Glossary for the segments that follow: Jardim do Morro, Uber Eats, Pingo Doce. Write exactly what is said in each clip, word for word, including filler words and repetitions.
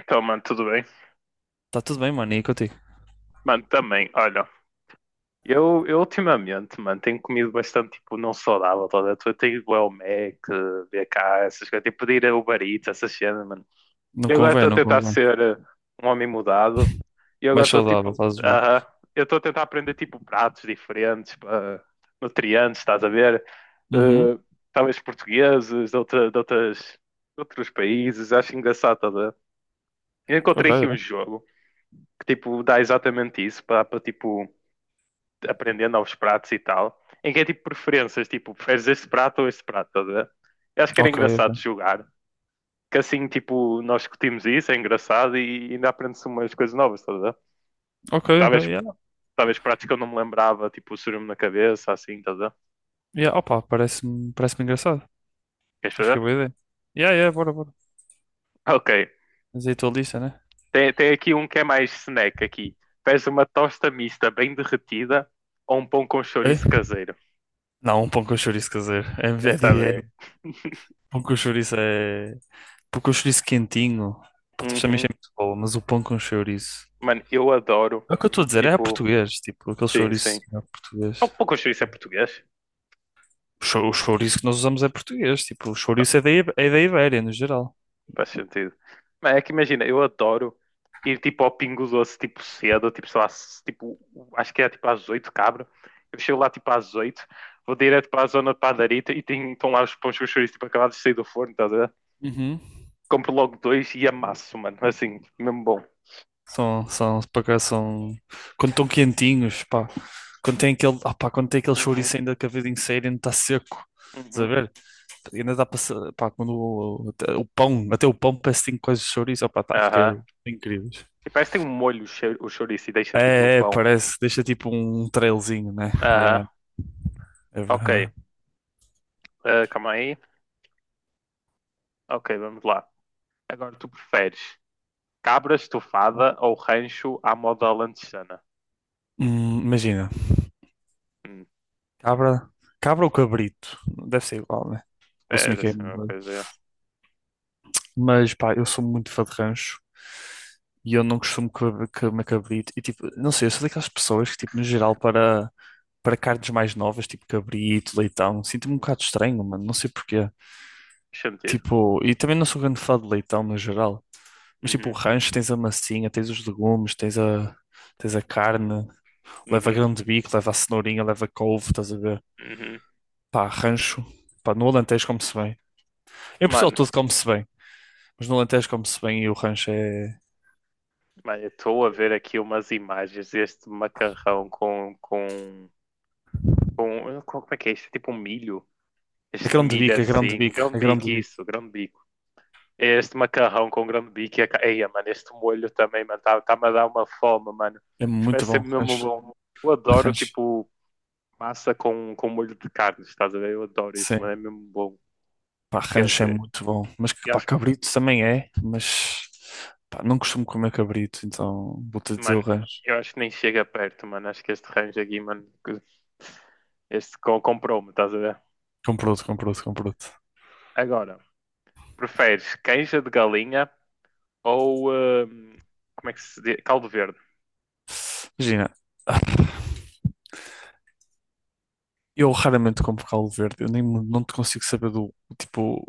Então, mano, tudo bem? Está tudo bem, mano, e contigo? Mano, também, olha, eu, eu ultimamente, mano, tenho comido bastante, tipo, não saudável, toda. Eu tenho ido ao Mac, B K, essas coisas, tenho pedir a Uber Eats, essas cenas, mano. Não E agora convém, estou a não tentar convém. ser eh, um homem mudado, e Mais agora estou, saudável, tipo, estás bem. aham, eu estou a tentar aprender, tipo, pratos diferentes, pá, nutrientes, estás a ver? Uhum. Eh, Talvez portugueses, de, outra, de outras, de outros países, acho engraçado, toda. Eu Ok, encontrei aqui um yeah. jogo que, tipo, dá exatamente isso, para, para tipo aprendendo aos pratos e tal, em que é tipo preferências, tipo, preferes este prato ou este prato, estás a ver? Eu acho que era Ok, engraçado ok. jogar, que assim, tipo, nós discutimos isso, é engraçado e ainda aprende-se umas coisas novas, estás a ver? Ok, ok, Talvez, yeah. talvez pratos que eu não me lembrava, tipo, o surume na cabeça, assim, estás a ver? Yeah, opa, parece-me parece-me engraçado. Queres Acho que é fazer? boa ideia. Yeah, yeah, bora, bora. Ok. Mas aí a tua lista, né? Tem, tem aqui um que é mais snack aqui. Pedes uma tosta mista bem derretida ou um pão com Ok. chouriço caseiro. Não, um pão com chouriço caseiro. É, Eu é, é, também. é, pão com chouriço é... Pão com chouriço quentinho. Pá, tu também Uhum. é muito boa, mas o pão com chouriço... Mano, eu adoro, É o que eu estou a dizer, é a tipo, português, tipo, aquele sim, chouriço sim. é português. Algo pouco chouriço é português, O chou- o chouriço que nós usamos é português, tipo, o chouriço é da, I- é da Ibéria, no geral. faz sentido. Mas é que imagina, eu adoro ir tipo ao Pingo Doce, tipo cedo, tipo, sei lá, se- tipo, acho que é tipo às oito cabra. Eu chego lá tipo às oito vou direto para a zona de padarita e tem, estão lá os pães com chouriço, tipo, acabados de sair do forno, estás a ver? Uhum. Compro logo dois e amasso, mano, assim, mesmo bom. São, são, por acaso são. Quando estão quentinhos, pá. Quando tem aquele, ah, pá, quando tem aquele Uhum, chouriço ainda que a vida inteira ainda está seco. Estás a uhum, ver? Ainda dá para. ser- pá, quando o, até o pão, até o pão parece que tem coisas de chouriço, opá, tá, aham. fica incrível. E parece que tem um molho o chou- o chouriço e deixa tipo no É, é, pão. parece, deixa tipo um trailzinho, né? Aham, Yeah, é ok. verdade. Ah, calma aí. Ok, vamos lá. Agora tu preferes. Cabra estufada ou rancho à moda lanchana? Hum, imagina, Hum, cabra, cabra ou cabrito? Deve ser igual, né? Vou é, assumir deve que é. ser a mesma coisa. É. Mas pá, eu sou muito fã de rancho e eu não costumo comer comer cabrito. E tipo, não sei, eu sou daquelas pessoas que, tipo, no geral, para, para carnes mais novas, tipo cabrito, leitão, sinto-me um bocado estranho, mano, não sei porquê. Faz sentido. Tipo, e também não sou grande fã de leitão no geral. Mas tipo, o Uhum, rancho tens a massinha, tens os legumes, tens a, tens a carne, leva uhum, grão de bico, leva a cenourinha, leva couve, estás a ver? uhum. Pá, rancho. Pá, no Alentejo come-se bem. Em Portugal Mano, tudo come-se bem, mas no Alentejo come-se bem e o rancho é. mano, eu estou a ver aqui umas imagens deste macarrão com, com, com, com- Como é que é isto? É tipo um milho. A Este grande milho bico, a grande assim. bico, Grão a grande bico bico. isso, grão bico é este macarrão com grão bico e a... Ca- Eia, mano, este molho também, mano, tá- tá-me a dar uma fome, mano. É Isto muito ser bom, mesmo rancho. bom. Eu adoro, Rancho, tipo, massa com, com molho de carne, estás a ver? Eu adoro isso, mano, sim. é mesmo bom. Pá, Quer rancho é dizer, muito bom. Mas, eu pá, acho que, cabrito também é, mas, pá, não costumo comer cabrito, então vou-te dizer o mano, rancho. eu acho que nem chega perto, mano. Acho que este range aqui, mano, que- este co- comprou-me, estás a ver? Compro-te, comprou te comprou te Agora, preferes canja de galinha ou, hum, como é que se diz? Caldo verde. Imagina, eu raramente compro caldo verde, eu nem, não te consigo saber do, tipo,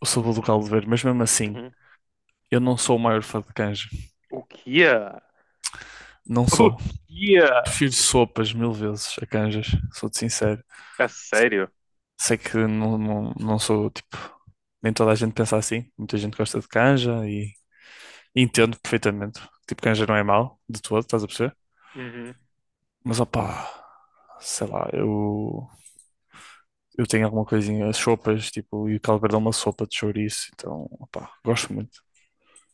o sabor do caldo verde, mas mesmo assim, Uhum. eu não sou o maior fã de canja. O que é? Não O sou. que é? Prefiro sopas mil vezes a canjas, sou-te sincero. A sério? Sei que não, não, não sou tipo. Nem toda a gente pensa assim. Muita gente gosta de canja e entendo perfeitamente. Tipo, canja não é mau de todo, estás a perceber? Uhum. Mas opá, sei lá, eu, eu tenho alguma coisinha, as sopas, tipo, e o caldo verde é uma sopa de chouriço, então opá, gosto muito.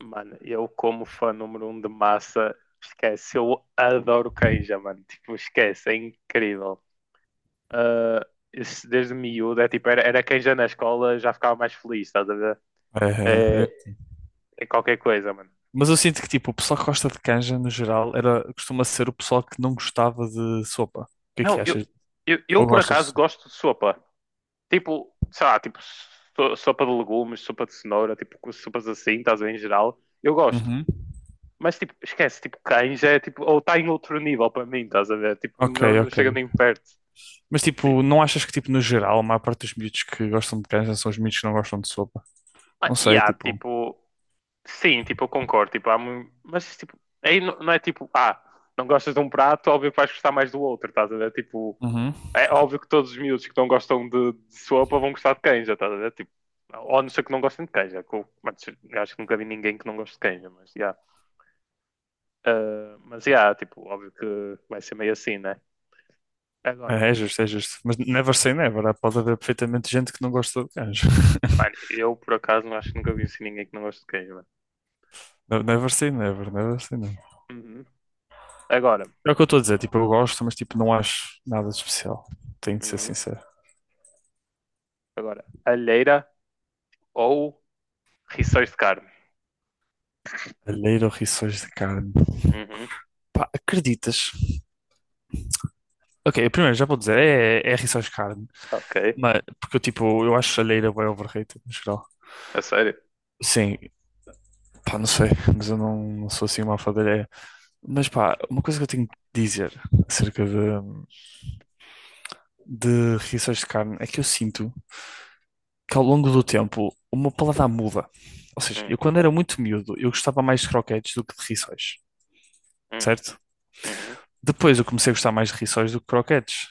Mano, eu como fã número um de massa, esquece, eu adoro canja, mano. Tipo, esquece, é incrível. ah, isso desde miúdo, é tipo, era, era quem já na escola já ficava mais feliz, estás a ver? É, é, É, é. é qualquer coisa, mano. Mas eu sinto que tipo, o pessoal que gosta de canja no geral era, costuma ser o pessoal que não gostava de sopa. O que é que Não, eu, achas? eu, eu Ou por gostas de acaso sopa? gosto de sopa. Tipo, sei lá, tipo, so- sopa de legumes, sopa de cenoura, tipo, com sopas assim, estás a ver, em geral, eu gosto. Uhum. Mas, tipo, esquece, tipo, canja é, tipo, ou está em outro nível para mim, estás a ver? Tipo, Ok, não, não ok. chega nem perto. Mas Tipo, tipo, não achas que tipo, no geral, a maior parte dos miúdos que gostam de canja são os miúdos que não gostam de sopa? Não ah, e sei, há, tipo. tipo, sim, tipo, eu concordo. Tipo, há mu- Mas tipo, aí não, não é tipo, ah, não gostas de um prato, óbvio que vais gostar mais do outro, estás a ver? Tipo, Uhum. é óbvio que todos os miúdos que não gostam de, de sopa vão gostar de canja, estás a ver? Tipo, ou a não ser que não gostem de canja. Que eu- Mas, eu acho que nunca vi ninguém que não goste de canja, mas já. Ah, mas já, tipo, óbvio que vai ser meio assim, né? Agora, É, é justo, é justo. Mas never say never. Há- Pode haver perfeitamente gente que não gosta de canja. mano, eu por acaso não acho que nunca vi assim ninguém que não goste de queijo mano. Ne- Never say never, never say never. Uhum. Agora, É o que eu estou a dizer, tipo, eu gosto, mas tipo, não acho nada de especial. Tenho de ser uhum. sincero. Agora, alheira ou rissóis de carne? Alheiro ou rissóis de carne? Uhum. Pá, acreditas? Ok, primeiro já vou dizer, é, é rissóis de carne. Ok. Mas, porque eu tipo, eu acho alheira bem overrated no geral. A sério? Sim, pá, não sei, mas eu não, não sou assim uma alfadalheira. Mas pá, uma coisa que eu tenho de dizer acerca de, de reações de carne é que eu sinto que ao longo do tempo o meu paladar muda. Ou seja, Hum, eu quando era muito miúdo, eu gostava mais de croquetes do que de rissóis, hum, certo? uhum, Depois eu comecei a gostar mais de rissóis do que croquetes.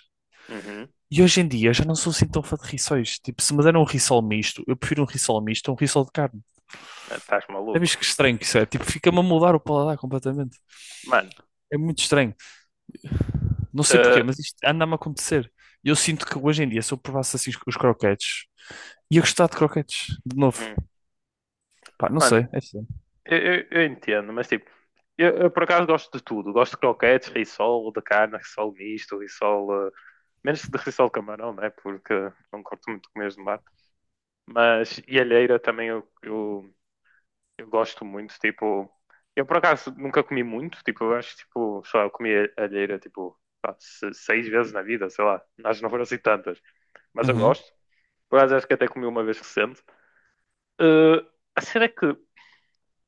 uhum. E hoje em dia eu já não sou assim tão fã de rissóis. Tipo, se me deram um rissol misto, eu prefiro um rissol misto a um rissol de carne. Estás É maluco? visto que estranho que isso é? Tipo, fica-me a mudar o paladar completamente. Mano, É muito estranho. Não sei porquê, eh, mas isto anda-me a acontecer. E eu sinto que hoje em dia, se eu provasse assim os os croquetes, ia gostar de croquetes, de novo. hum, Pá, não mano, sei. É assim. eu, eu- Eu entendo, mas tipo, eu, eu por acaso gosto de tudo. Gosto de croquetes, rissol, de carne, rissol misto, rissol. Eh, menos de rissol de camarão, né? Porque não curto muito comer de mar. Mas e alheira também eu, eu, eu gosto muito. Tipo, eu por acaso nunca comi muito. Tipo, eu acho que tipo, só eu comi alheira tipo pá, se- seis vezes na vida, sei lá. Acho que não foram assim tantas. Mas eu Uhum. gosto. Por acaso acho que até comi uma vez recente. Eh, a cena é que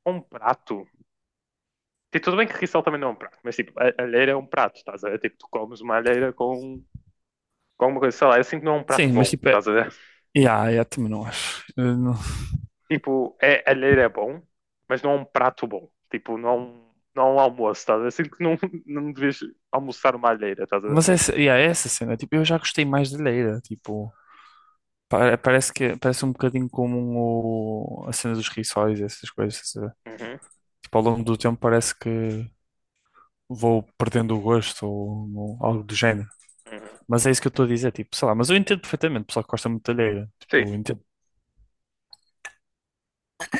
um prato. Tipo, tudo bem que rissol também não é um prato, mas tipo, a a alheira é um prato, estás a ver? Tipo, tu comes uma alheira com, com alguma coisa, sei lá, eu sinto que não é um prato Sim, mas bom, tipo, é... estás a ver? Yeah, yeah, também não acho. Eu não- Tipo, é, a alheira é bom, mas não é um prato bom. Tipo, não é um, não é um almoço, estás a ver? Sinto que não, não devias almoçar uma alheira, estás a ver? Mas é essa, yeah, é essa cena, tipo, eu já gostei mais de leira, tipo, pa- parece que parece um bocadinho como o- a cena dos rissóis, e essas coisas. Uhum, Tipo, ao longo do tempo parece que vou perdendo o gosto ou, ou algo do género. uhum. Mas é isso que eu estou a dizer, tipo, sei lá, mas eu entendo perfeitamente, o pessoal que gosta muito de alheira, Sim, tipo, eu entendo.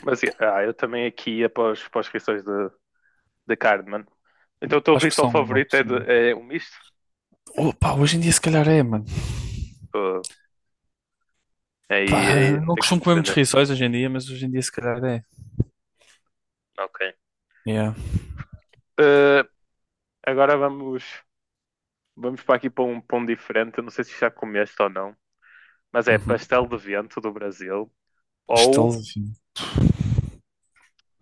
mas yeah, ah, eu também aqui ia para, os, para as rissóis de, de carne, mano. Então o teu Acho que rissol são uma favorito é, opção. de, é o misto? Oh, pá, hoje em dia se calhar é, mano. Uh, Aí, Pá, aí não não tem como costumo comer muitos defender. rissóis hoje em dia, mas hoje em dia se calhar é. Ok. Yeah. Eh, agora vamos, vamos para aqui para um pão diferente. Eu não sei se já comeste ou não, mas é Uhum. pastel de vento do Brasil Pastel ou, de...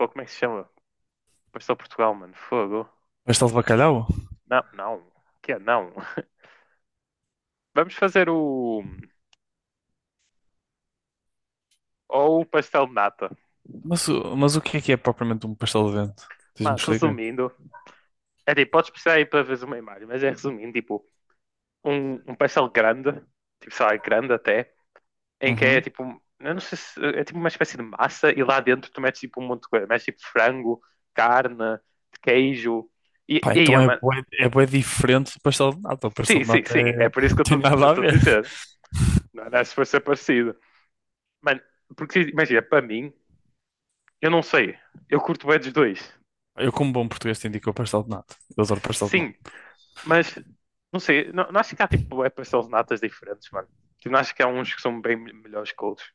ou como é que se chama? Pastel Portugal, mano. Fogo. Pastel de bacalhau? Não, não. Que é não. Vamos fazer o ou o pastel de nata. Mas, o- mas o que é que é propriamente um pastel de vento? Diz-me Mano, explicar. resumindo, é tipo, podes precisar aí para ver uma imagem, mas é resumindo, tipo, um, um pastel grande, tipo, sei lá, grande até em que é Uhum. tipo, eu não sei se é tipo uma espécie de massa e lá dentro tu metes tipo um monte de coisa, metes tipo frango, carne, queijo e, Pá, e então ah, é mano, bué, é bué diferente do pastel de nata. O pastel sim, de sim, nata sim, é... é por isso que eu tem nada a estou a ver. dizer, não é se for ser parecido, mano, porque imagina, para mim, eu não sei, eu curto bem dos dois, Eu, como bom português, te indico o pastel de nata. Eu adoro pastel de sim, nata. mas não sei, não, não acho que há tipo é pastel de natas diferentes, mano, tipo, não acho que há uns que são bem melhores que outros,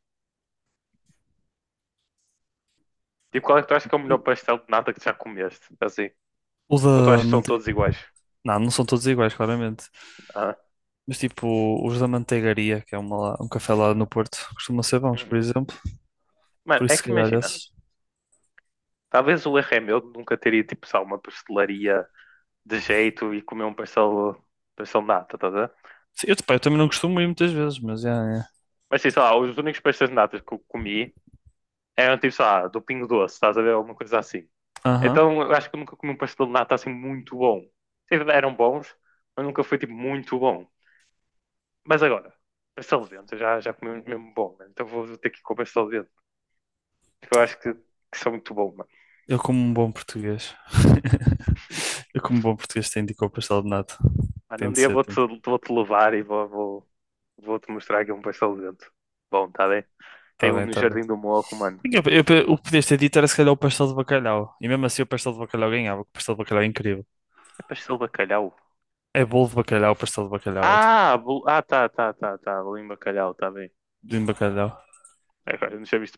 tipo, qual é que tu achas que é o melhor pastel de nata que tu já comeste, assim, O ou tu da achas que são manteiga. todos iguais? Não, não são todos iguais, claramente. Ah, Mas tipo, os da Manteigaria, que é uma, lá- um café lá no Porto, costumam ser bons, por uhum. exemplo. Mano, Por é isso, se que calhar, imagina, esses. talvez o erro é meu de nunca teria tipo, só uma pastelaria de jeito e comer um pastel, pastel de nata, estás a ver? Sim, eu, pá, eu também não costumo ir muitas vezes, mas é. É. Mas sim, sei lá, os únicos pastéis de nata que eu comi eram tipo, sei lá, do Pingo Doce, estás a ver? Alguma coisa assim. Aham. Então eu acho que eu nunca comi um pastel de nata assim muito bom. Sim, eram bons, mas nunca foi tipo muito bom. Mas agora, pastel de vento, eu já, já comi um mesmo bom, mano. Então vou ter que ir com o pastel de vento, porque eu acho que, que são muito bons mano. Eu, como um bom português. Eu, como um bom português, tenho de ir com o pastel de nata. Mano, Tem um de dia ser, vou-te tem de... vou-te levar e vou, vou, vou-te mostrar aqui um pastel de vento. Bom, tá bem. Tem Tá um bem, no tá bem. Jardim do Morro, mano. Eu, eu- o que podias ter dito era se calhar o pastel de bacalhau. E mesmo assim o pastel de bacalhau ganhava, porque o pastel de bacalhau é incrível. É pastel de bacalhau. É bolo de bacalhau, pastel de bacalhau. É tipo, Ah, bol... ah, tá, tá, tá, tá. Bolinho de bacalhau, tá bem. bolinho de bacalhau. Agora não tinha visto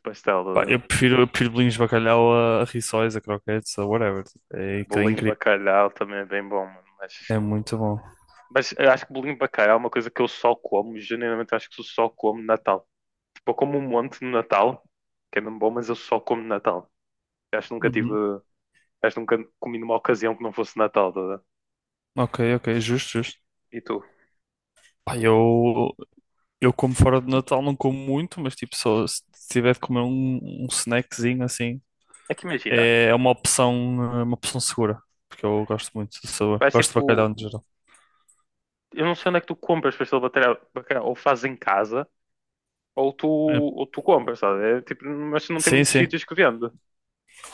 Pá, pastel. eh, eu prefiro, eu prefiro bolinhos de bacalhau a, a rissóis, a croquetes, a whatever. Tipo, é, aquilo é Bolinho de incrível. bacalhau também é bem bom, mano. Mas, É muito bom. mas eu acho que bolinho de bacalhau é uma coisa que eu só como. Genuinamente acho que eu só como no Natal. Tipo, eu como um monte no Natal, que é mesmo bom, mas eu só como no Natal. Eu acho que nunca tive. Uhum. Acho que nunca comi numa ocasião que não fosse Natal, tá? A ver? Ok, ok, justo, justo. E tu? Pá, eu, eu como fora de Natal não como muito, mas tipo, só se tiver de comer um, um snackzinho assim, É que imagina. é é uma opção, é uma opção segura, porque eu gosto muito de sabor, Parece gosto de bacalhau tipo, no geral. eu não sei onde é que tu compras pastel de bacalhau, bacalhau, ou fazes em casa, ou tu, É, ou tu compras, sabe? É, tipo, mas não tem sim, muitos sim. sítios que vende.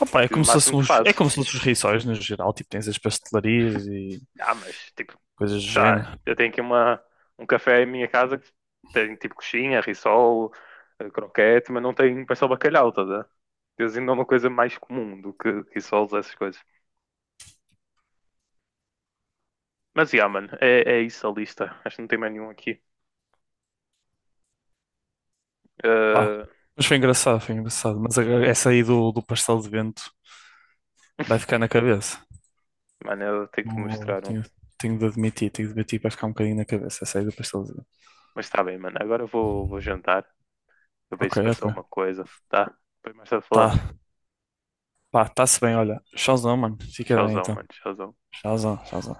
Opa, é Que no como se máximo fossem tu os, é fazes. como se fossem os rissóis no geral, tipo, tens as pastelarias e Ah, mas tipo, coisas do sei lá, género. eu tenho aqui uma, um café em minha casa que tem tipo coxinha, rissol, eh, croquete, mas não tem pastel de bacalhau, tá? A ver? Eles ainda é uma coisa mais comum do que rissoles, essas coisas. Mas, yeah, mano, é, é isso a lista. Acho que não tem mais nenhum aqui. Pá, Eh, mas foi engraçado, foi engraçado. Mas a- essa aí do, do pastel de vento vai ficar na cabeça. Mano, eu tenho que te Não- mostrar um. Tenho, tenho de admitir, tenho de admitir que vai ficar um bocadinho na cabeça essa aí do pastel de vento. Mas está bem, mano. Agora eu vou, vou jantar. Eu vejo Ok, se pensou ok. uma coisa, tá? Depois mais tarde Tá, falamos. pá, tá-se bem, olha. Tchauzão, mano. Fica bem Tchauzão, então. mano. Tchauzão. Tchauzão, tchauzão.